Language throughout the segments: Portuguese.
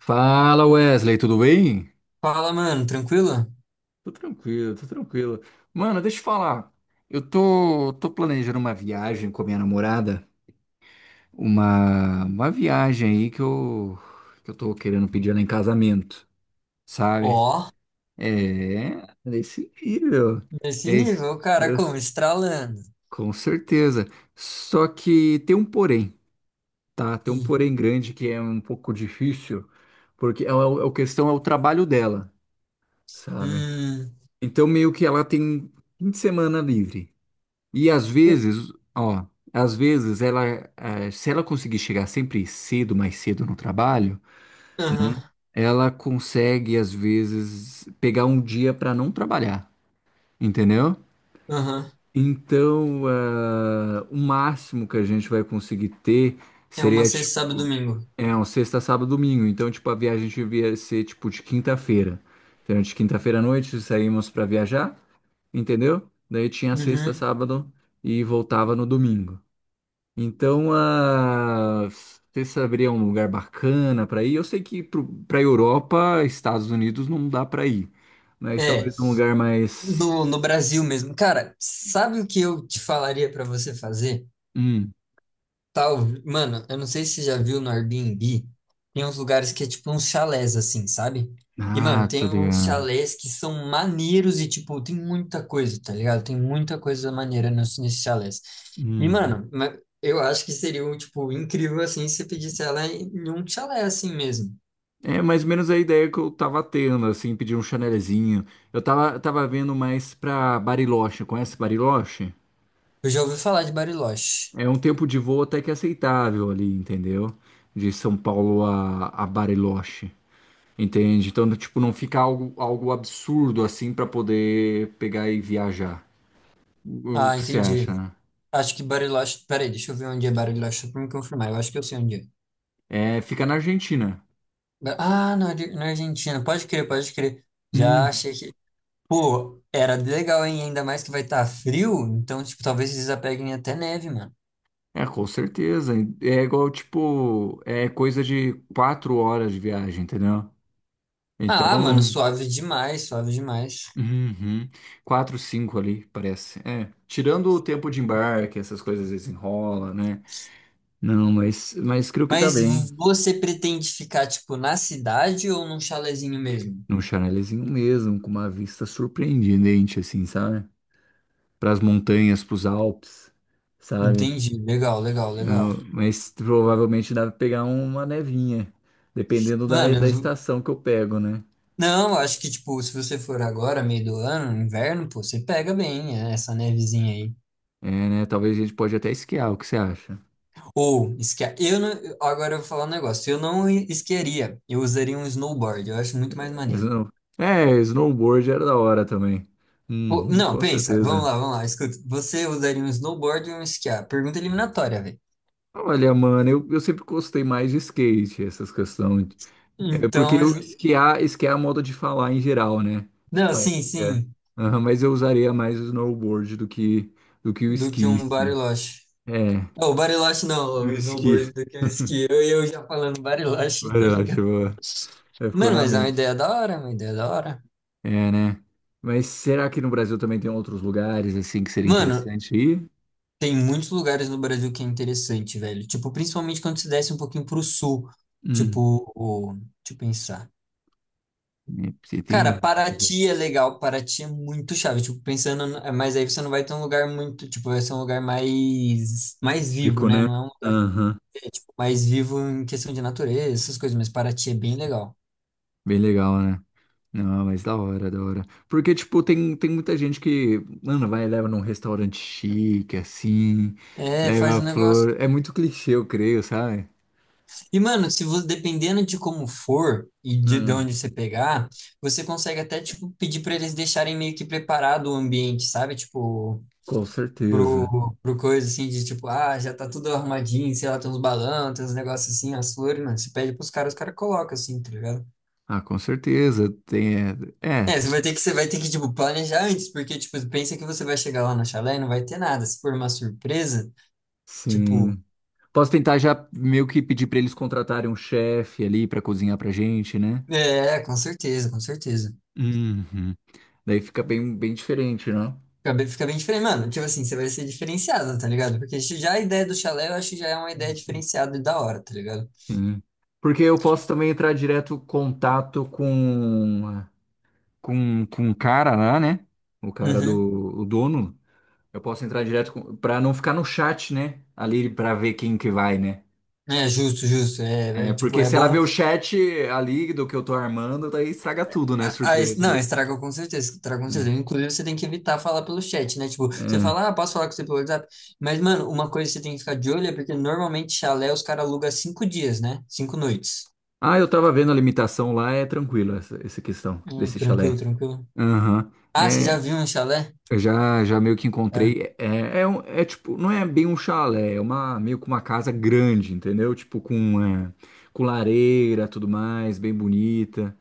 Fala Wesley, tudo bem? Fala, mano, tranquilo? Tô tranquilo, tô tranquilo. Mano, deixa eu te falar. Eu tô planejando uma viagem com a minha namorada. Uma viagem aí que eu tô querendo pedir ela em casamento, sabe? Ó, É, nesse nível. nesse É, nível, o cara como estralando. com certeza. Só que tem um porém, tá? Tem um Ih, porém grande que é um pouco difícil, porque a questão é o trabalho dela, sabe? hum, Então, meio que ela tem fim de semana livre. E às vezes, ó, às vezes ela, se ela conseguir chegar sempre cedo, mais cedo no trabalho, aham, né, ela consegue, às vezes, pegar um dia para não trabalhar, entendeu? aham. Então, o máximo que a gente vai conseguir ter É uma seria, tipo, sexta, sábado, e domingo. é, um sexta, sábado, domingo. Então, tipo, a viagem devia ser, tipo, de quinta-feira. Então, de quinta-feira à noite, saímos para viajar. Entendeu? Daí tinha sexta, Uhum. sábado e voltava no domingo. Então, ah, você saberia um lugar bacana para ir? Eu sei que para Europa, Estados Unidos não dá para ir, mas É, talvez um lugar mais. no Brasil mesmo. Cara, sabe o que eu te falaria pra você fazer? Hum. Tal, mano, eu não sei se você já viu no Airbnb, tem uns lugares que é tipo uns chalés assim, sabe? E, mano, Ah, tô tem uns ligado. chalés que são maneiros e, tipo, tem muita coisa, tá ligado? Tem muita coisa maneira nesses chalés. E, Hum. mano, eu acho que seria, um, tipo, incrível, assim, se você pedisse ela em um chalé assim mesmo. É mais ou menos a ideia que eu tava tendo, assim, pedir um chanelzinho. Eu tava vendo mais pra Bariloche. Conhece Bariloche? Eu já ouvi falar de Bariloche. É um tempo de voo até que é aceitável ali, entendeu? De São Paulo a Bariloche, entende? Então, tipo, não fica algo absurdo assim pra poder pegar e viajar. O Ah, que você entendi. acha, né? Acho que Bariloche... Peraí, deixa eu ver onde é Bariloche só pra me confirmar. Eu acho que eu sei onde é. É, fica na Argentina. Ah, na Argentina. Pode crer, pode crer. Já Hum. achei que pô, era legal, hein? Ainda mais que vai estar frio, então, tipo, talvez eles apeguem até neve, mano. É, com certeza. É igual, tipo, é coisa de 4 horas de viagem, entendeu? Ah, mano, Então, suave demais, suave demais. uhum, quatro, cinco ali, parece. É, tirando o tempo de embarque, essas coisas desenrola, né? Não, mas creio que tá Mas bem. Você pretende ficar, tipo, na cidade ou num chalezinho mesmo? Num chanelzinho mesmo, com uma vista surpreendente, assim, sabe? Pras montanhas, pros Alpes, sabe? Entendi, legal, legal, legal. Ah, mas provavelmente dá pra pegar uma nevinha, dependendo da, Mano, da estação que eu pego, né? não, acho que, tipo, se você for agora, meio do ano, inverno, pô, você pega bem é, essa nevezinha aí. É, né? Talvez a gente pode até esquiar, o que você acha? Ou, esqui... eu não... agora eu vou falar um negócio, eu não esquiaria, eu usaria um snowboard, eu acho muito mais maneiro. Snow- É, snowboard era da hora também. Pô, Uhum, não, com pensa, certeza. Vamos lá, escuta. Você usaria um snowboard ou um esquiar? Pergunta eliminatória, velho. Olha, mano, eu sempre gostei mais de skate, essas questões. É porque Então, eu esquiar, esquiar é a moda de falar em geral, né? não, Tipo, é. sim, É. sim, Aham, mas eu usaria mais o snowboard do que o do que esqui em um si. bariloche. É, Não, o bariloche não, o um esqui. snowboard do que um esqui. Eu já falando bariloche, tá Verdade, ligado? boa. É, ficou Mano, na mas é uma mente. ideia da hora, é uma ideia da hora. É, né? Mas será que no Brasil também tem outros lugares, assim, que seria Mano, interessante ir? tem muitos lugares no Brasil que é interessante, velho. Tipo, principalmente quando se desce um pouquinho pro sul. Hum, Tipo, o, deixa eu pensar. é, porque tem Cara, muitos Paraty é lugares. legal, Paraty é muito chave, tipo, pensando, mas aí você não vai ter um lugar muito, tipo, vai ser um lugar mais, mais vivo, Público, né? né? Não é um lugar Aham. mais vivo em questão de natureza, essas coisas, mas Paraty é bem legal. Bem legal, né? Não, mas da hora, da hora. Porque, tipo, tem muita gente que, mano, vai e leva num restaurante chique, assim, É, leva faz a um negócio. flor. É muito clichê, eu creio, sabe? E, mano, se você, dependendo de como for e de Hum, onde você pegar, você consegue até, tipo, pedir pra eles deixarem meio que preparado o ambiente, sabe? Tipo, com certeza. pro, pro coisa assim de tipo, ah, já tá tudo arrumadinho, sei lá, tem uns balão, tem uns negócios assim, as flores, mano. Você pede pros caras, os caras colocam assim, tá ligado? Ah, com certeza. Tem, é, é, É, você vai ter que, você vai ter que, tipo, planejar antes, porque, tipo, pensa que você vai chegar lá no chalé e não vai ter nada. Se for uma surpresa, tipo, sim. Posso tentar já meio que pedir pra eles contratarem um chefe ali pra cozinhar pra gente, né? é, com certeza, com certeza. Uhum. Daí fica bem, bem diferente, né? Fica bem diferente, mano. Tipo assim, você vai ser diferenciado, tá ligado? Porque já a ideia do chalé, eu acho que já é uma ideia diferenciada e da hora, tá ligado? Sim. Porque eu posso também entrar direto em contato com o cara lá, né? O cara Uhum. do, o dono. Eu posso entrar direto com, pra não ficar no chat, né? Ali pra ver quem que vai, né? É justo, justo. É, É, é, tipo, porque é se ela vê bom. o chat ali do que eu tô armando, daí estraga tudo, né? Ah, Surpresa, né? não, estraga com certeza, estraga com certeza. Inclusive, você tem que evitar falar pelo chat, né? Tipo, É, você fala, ah, é. posso falar com você pelo WhatsApp? Mas, mano, uma coisa que você tem que ficar de olho é porque normalmente chalé os caras alugam 5 dias, né? 5 noites. Ah, eu tava vendo a limitação lá, é tranquilo essa questão desse Tranquilo, chalé. tranquilo. Aham. Ah, você já É, viu um chalé? eu já meio que É. encontrei. É, é, é tipo, não é bem um chalé, é uma, meio que uma casa grande, entendeu? Tipo, com lareira, tudo mais, bem bonita,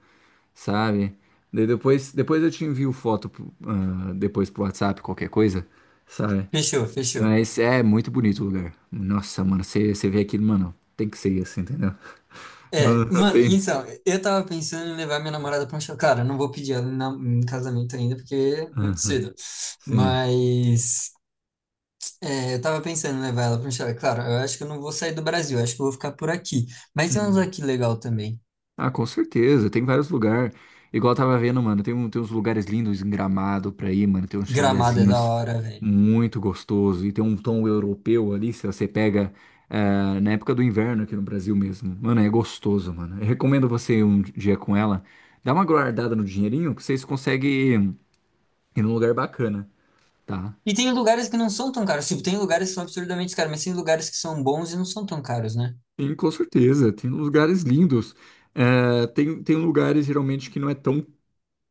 sabe? Daí depois eu te envio foto, depois pro WhatsApp, qualquer coisa, sabe? Fechou, fechou. Mas é muito bonito o lugar. Nossa, mano, você vê aquilo, mano, tem que ser assim, entendeu? Não, É, não mano, tem. então, eu tava pensando em levar minha namorada pra um chalé. Cara, eu não vou pedir ela em, em casamento ainda, porque é muito Aham, cedo. sim. Mas, é, eu tava pensando em levar ela para um chalé. Claro, eu acho que eu não vou sair do Brasil, eu acho que eu vou ficar por aqui. Mas tem uns Hum. aqui legal também. Ah, com certeza, tem vários lugares. Igual eu tava vendo, mano, tem uns lugares lindos em Gramado pra ir, mano, tem uns Gramado é da chalezinhos hora, velho. muito gostosos e tem um tom europeu ali, se você pega na época do inverno aqui no Brasil mesmo. Mano, é gostoso, mano. Eu recomendo você ir um dia com ela, dá uma guardada no dinheirinho que vocês conseguem ir num lugar bacana, tá? E tem lugares que não são tão caros. Tipo, tem lugares que são absurdamente caros, mas tem lugares que são bons e não são tão caros, né? Sim, com certeza, tem lugares lindos. Tem lugares geralmente que não é tão,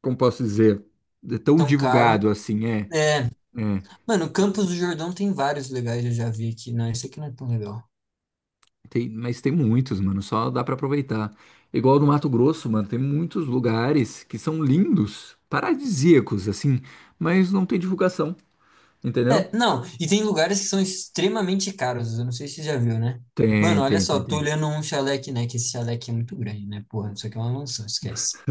como posso dizer, é tão Tão caro. divulgado assim, é. É, É, mano, Campos do Jordão tem vários legais, eu já vi aqui. Não, isso aqui não é tão legal. Mas tem muitos, mano, só dá pra aproveitar. Igual no Mato Grosso, mano, tem muitos lugares que são lindos, paradisíacos, assim, mas não tem divulgação, entendeu? É, não, e tem lugares que são extremamente caros. Eu não sei se você já viu, né? Mano, Tem, olha tem, tem, só, tô tem. olhando um chalé aqui, né? Que esse chalé aqui é muito grande, né? Porra, isso aqui é uma mansão, esquece.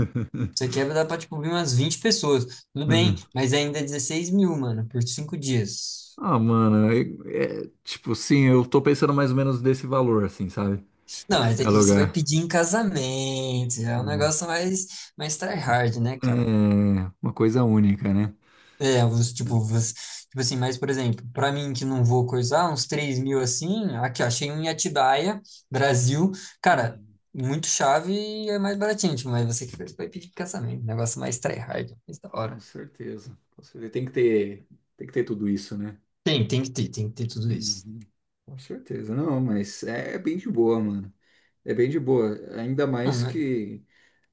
Você quebra dá pra, tipo, vir umas 20 pessoas. Tudo bem, Uhum. mas ainda é 16 mil, mano, por 5 dias. Ah, mano, é, tipo assim, eu tô pensando mais ou menos desse valor, assim, sabe? Não, mas é É que você vai lugar. pedir em casamento. É um Hum. negócio mais, mais tryhard, né, cara? É uma coisa única, né? É, tipo, tipo assim, mas, por exemplo, pra mim que não vou coisar, uns 3 mil assim, aqui, ó, achei um em Atibaia, Brasil. Cara, Hum, muito chave e é mais baratinho, tipo, mas você que vai pedir em casamento. Um negócio mais tryhard, mais da com hora. certeza. Com certeza. Tem que ter tudo isso, né? Tem, tem que ter tudo isso. Uhum. Com certeza, não, mas é bem de boa, mano. É bem de boa. Ainda Não, mais né? que.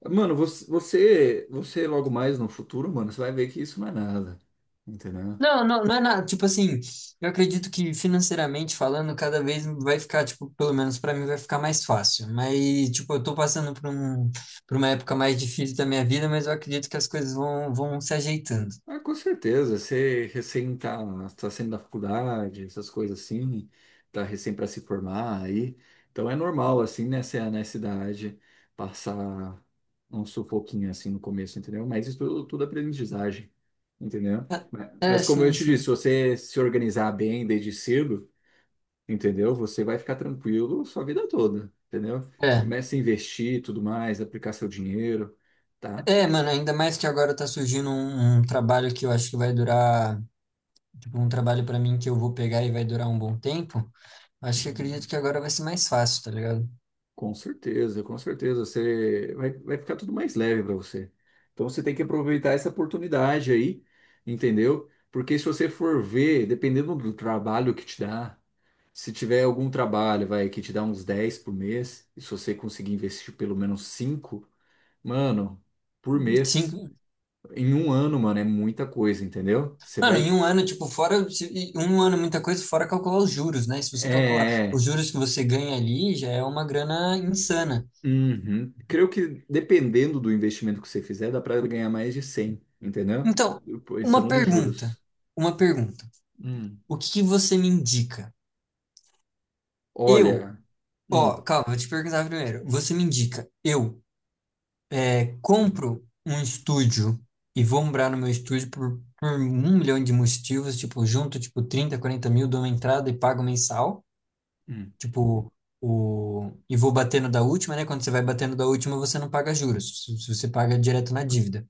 Mano, você logo mais no futuro, mano, você vai ver que isso não é nada. Entendeu? Não, não, não é nada. Tipo assim, eu acredito que financeiramente falando, cada vez vai ficar, tipo, pelo menos pra mim vai ficar mais fácil. Mas, tipo, eu tô passando por um, por uma época mais difícil da minha vida, mas eu acredito que as coisas vão se ajeitando. Ah, com certeza. Você recém tá saindo da faculdade, essas coisas assim, tá recém para se formar aí. Então é normal, assim, nessa idade, passar um sufoquinho assim no começo, entendeu? Mas isso tudo, tudo é aprendizagem, entendeu? Ma- É, Mas é, como eu sim, te disse, sim. se você se organizar bem desde cedo, entendeu? Você vai ficar tranquilo sua vida toda, entendeu? É. Comece a investir e tudo mais, aplicar seu dinheiro, tá? É, mano, ainda mais que agora tá surgindo um trabalho que eu acho que vai durar, tipo, um trabalho pra mim que eu vou pegar e vai durar um bom tempo. Acho que acredito que agora vai ser mais fácil, tá ligado? Com certeza, com certeza. Você vai ficar tudo mais leve para você. Então você tem que aproveitar essa oportunidade aí, entendeu? Porque se você for ver, dependendo do trabalho que te dá, se tiver algum trabalho, vai, que te dá uns 10 por mês, e se você conseguir investir pelo menos 5 mano, por mês, Sim, em um ano, mano, é muita coisa, entendeu? Você mano, em vai. um ano, tipo, fora, em um ano é muita coisa, fora calcular os juros, né? Se você É. calcular é, os é. juros que você ganha ali, já é uma grana insana. Uhum. Creio que dependendo do investimento que você fizer, dá para ganhar mais de 100, entendeu? Então, uma Pensando nos pergunta, juros. uma pergunta. Hum, O que que você me indica? Eu, Olha, ó, hum, calma, vou te perguntar primeiro. Você me indica, eu é, compro um estúdio e vou morar no meu estúdio por um milhão de motivos, tipo, junto, tipo, 30, 40 mil, dou uma entrada e pago mensal. hum. Tipo, o... e vou batendo da última, né? Quando você vai batendo da última, você não paga juros. Você paga direto na dívida.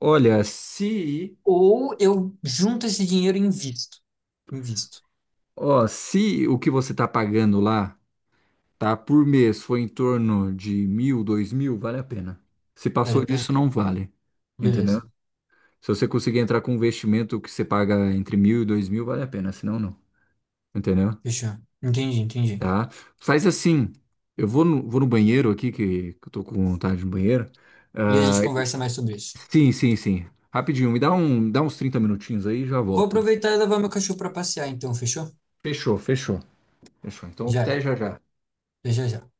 Olha, se, Ou eu junto esse dinheiro e invisto. Invisto. ó, se o que você tá pagando lá, tá, por mês foi em torno de 1.000, 2.000, vale a pena. Se Vale passou a pena? disso, não vale, entendeu? Beleza. Se você conseguir entrar com um investimento que você paga entre 1.000 e 2.000, vale a pena, senão não, entendeu? Fechou. Entendi, entendi. Tá? Faz assim, eu vou no banheiro aqui, que eu tô com vontade no banheiro. E a Ah, gente conversa mais sobre isso. sim, sim, sim. Rapidinho, me dá uns 30 minutinhos aí e já Vou volta. aproveitar e levar meu cachorro para passear, então, fechou? Fechou, fechou. Fechou. Então, Já é. até já já. Já, já, já.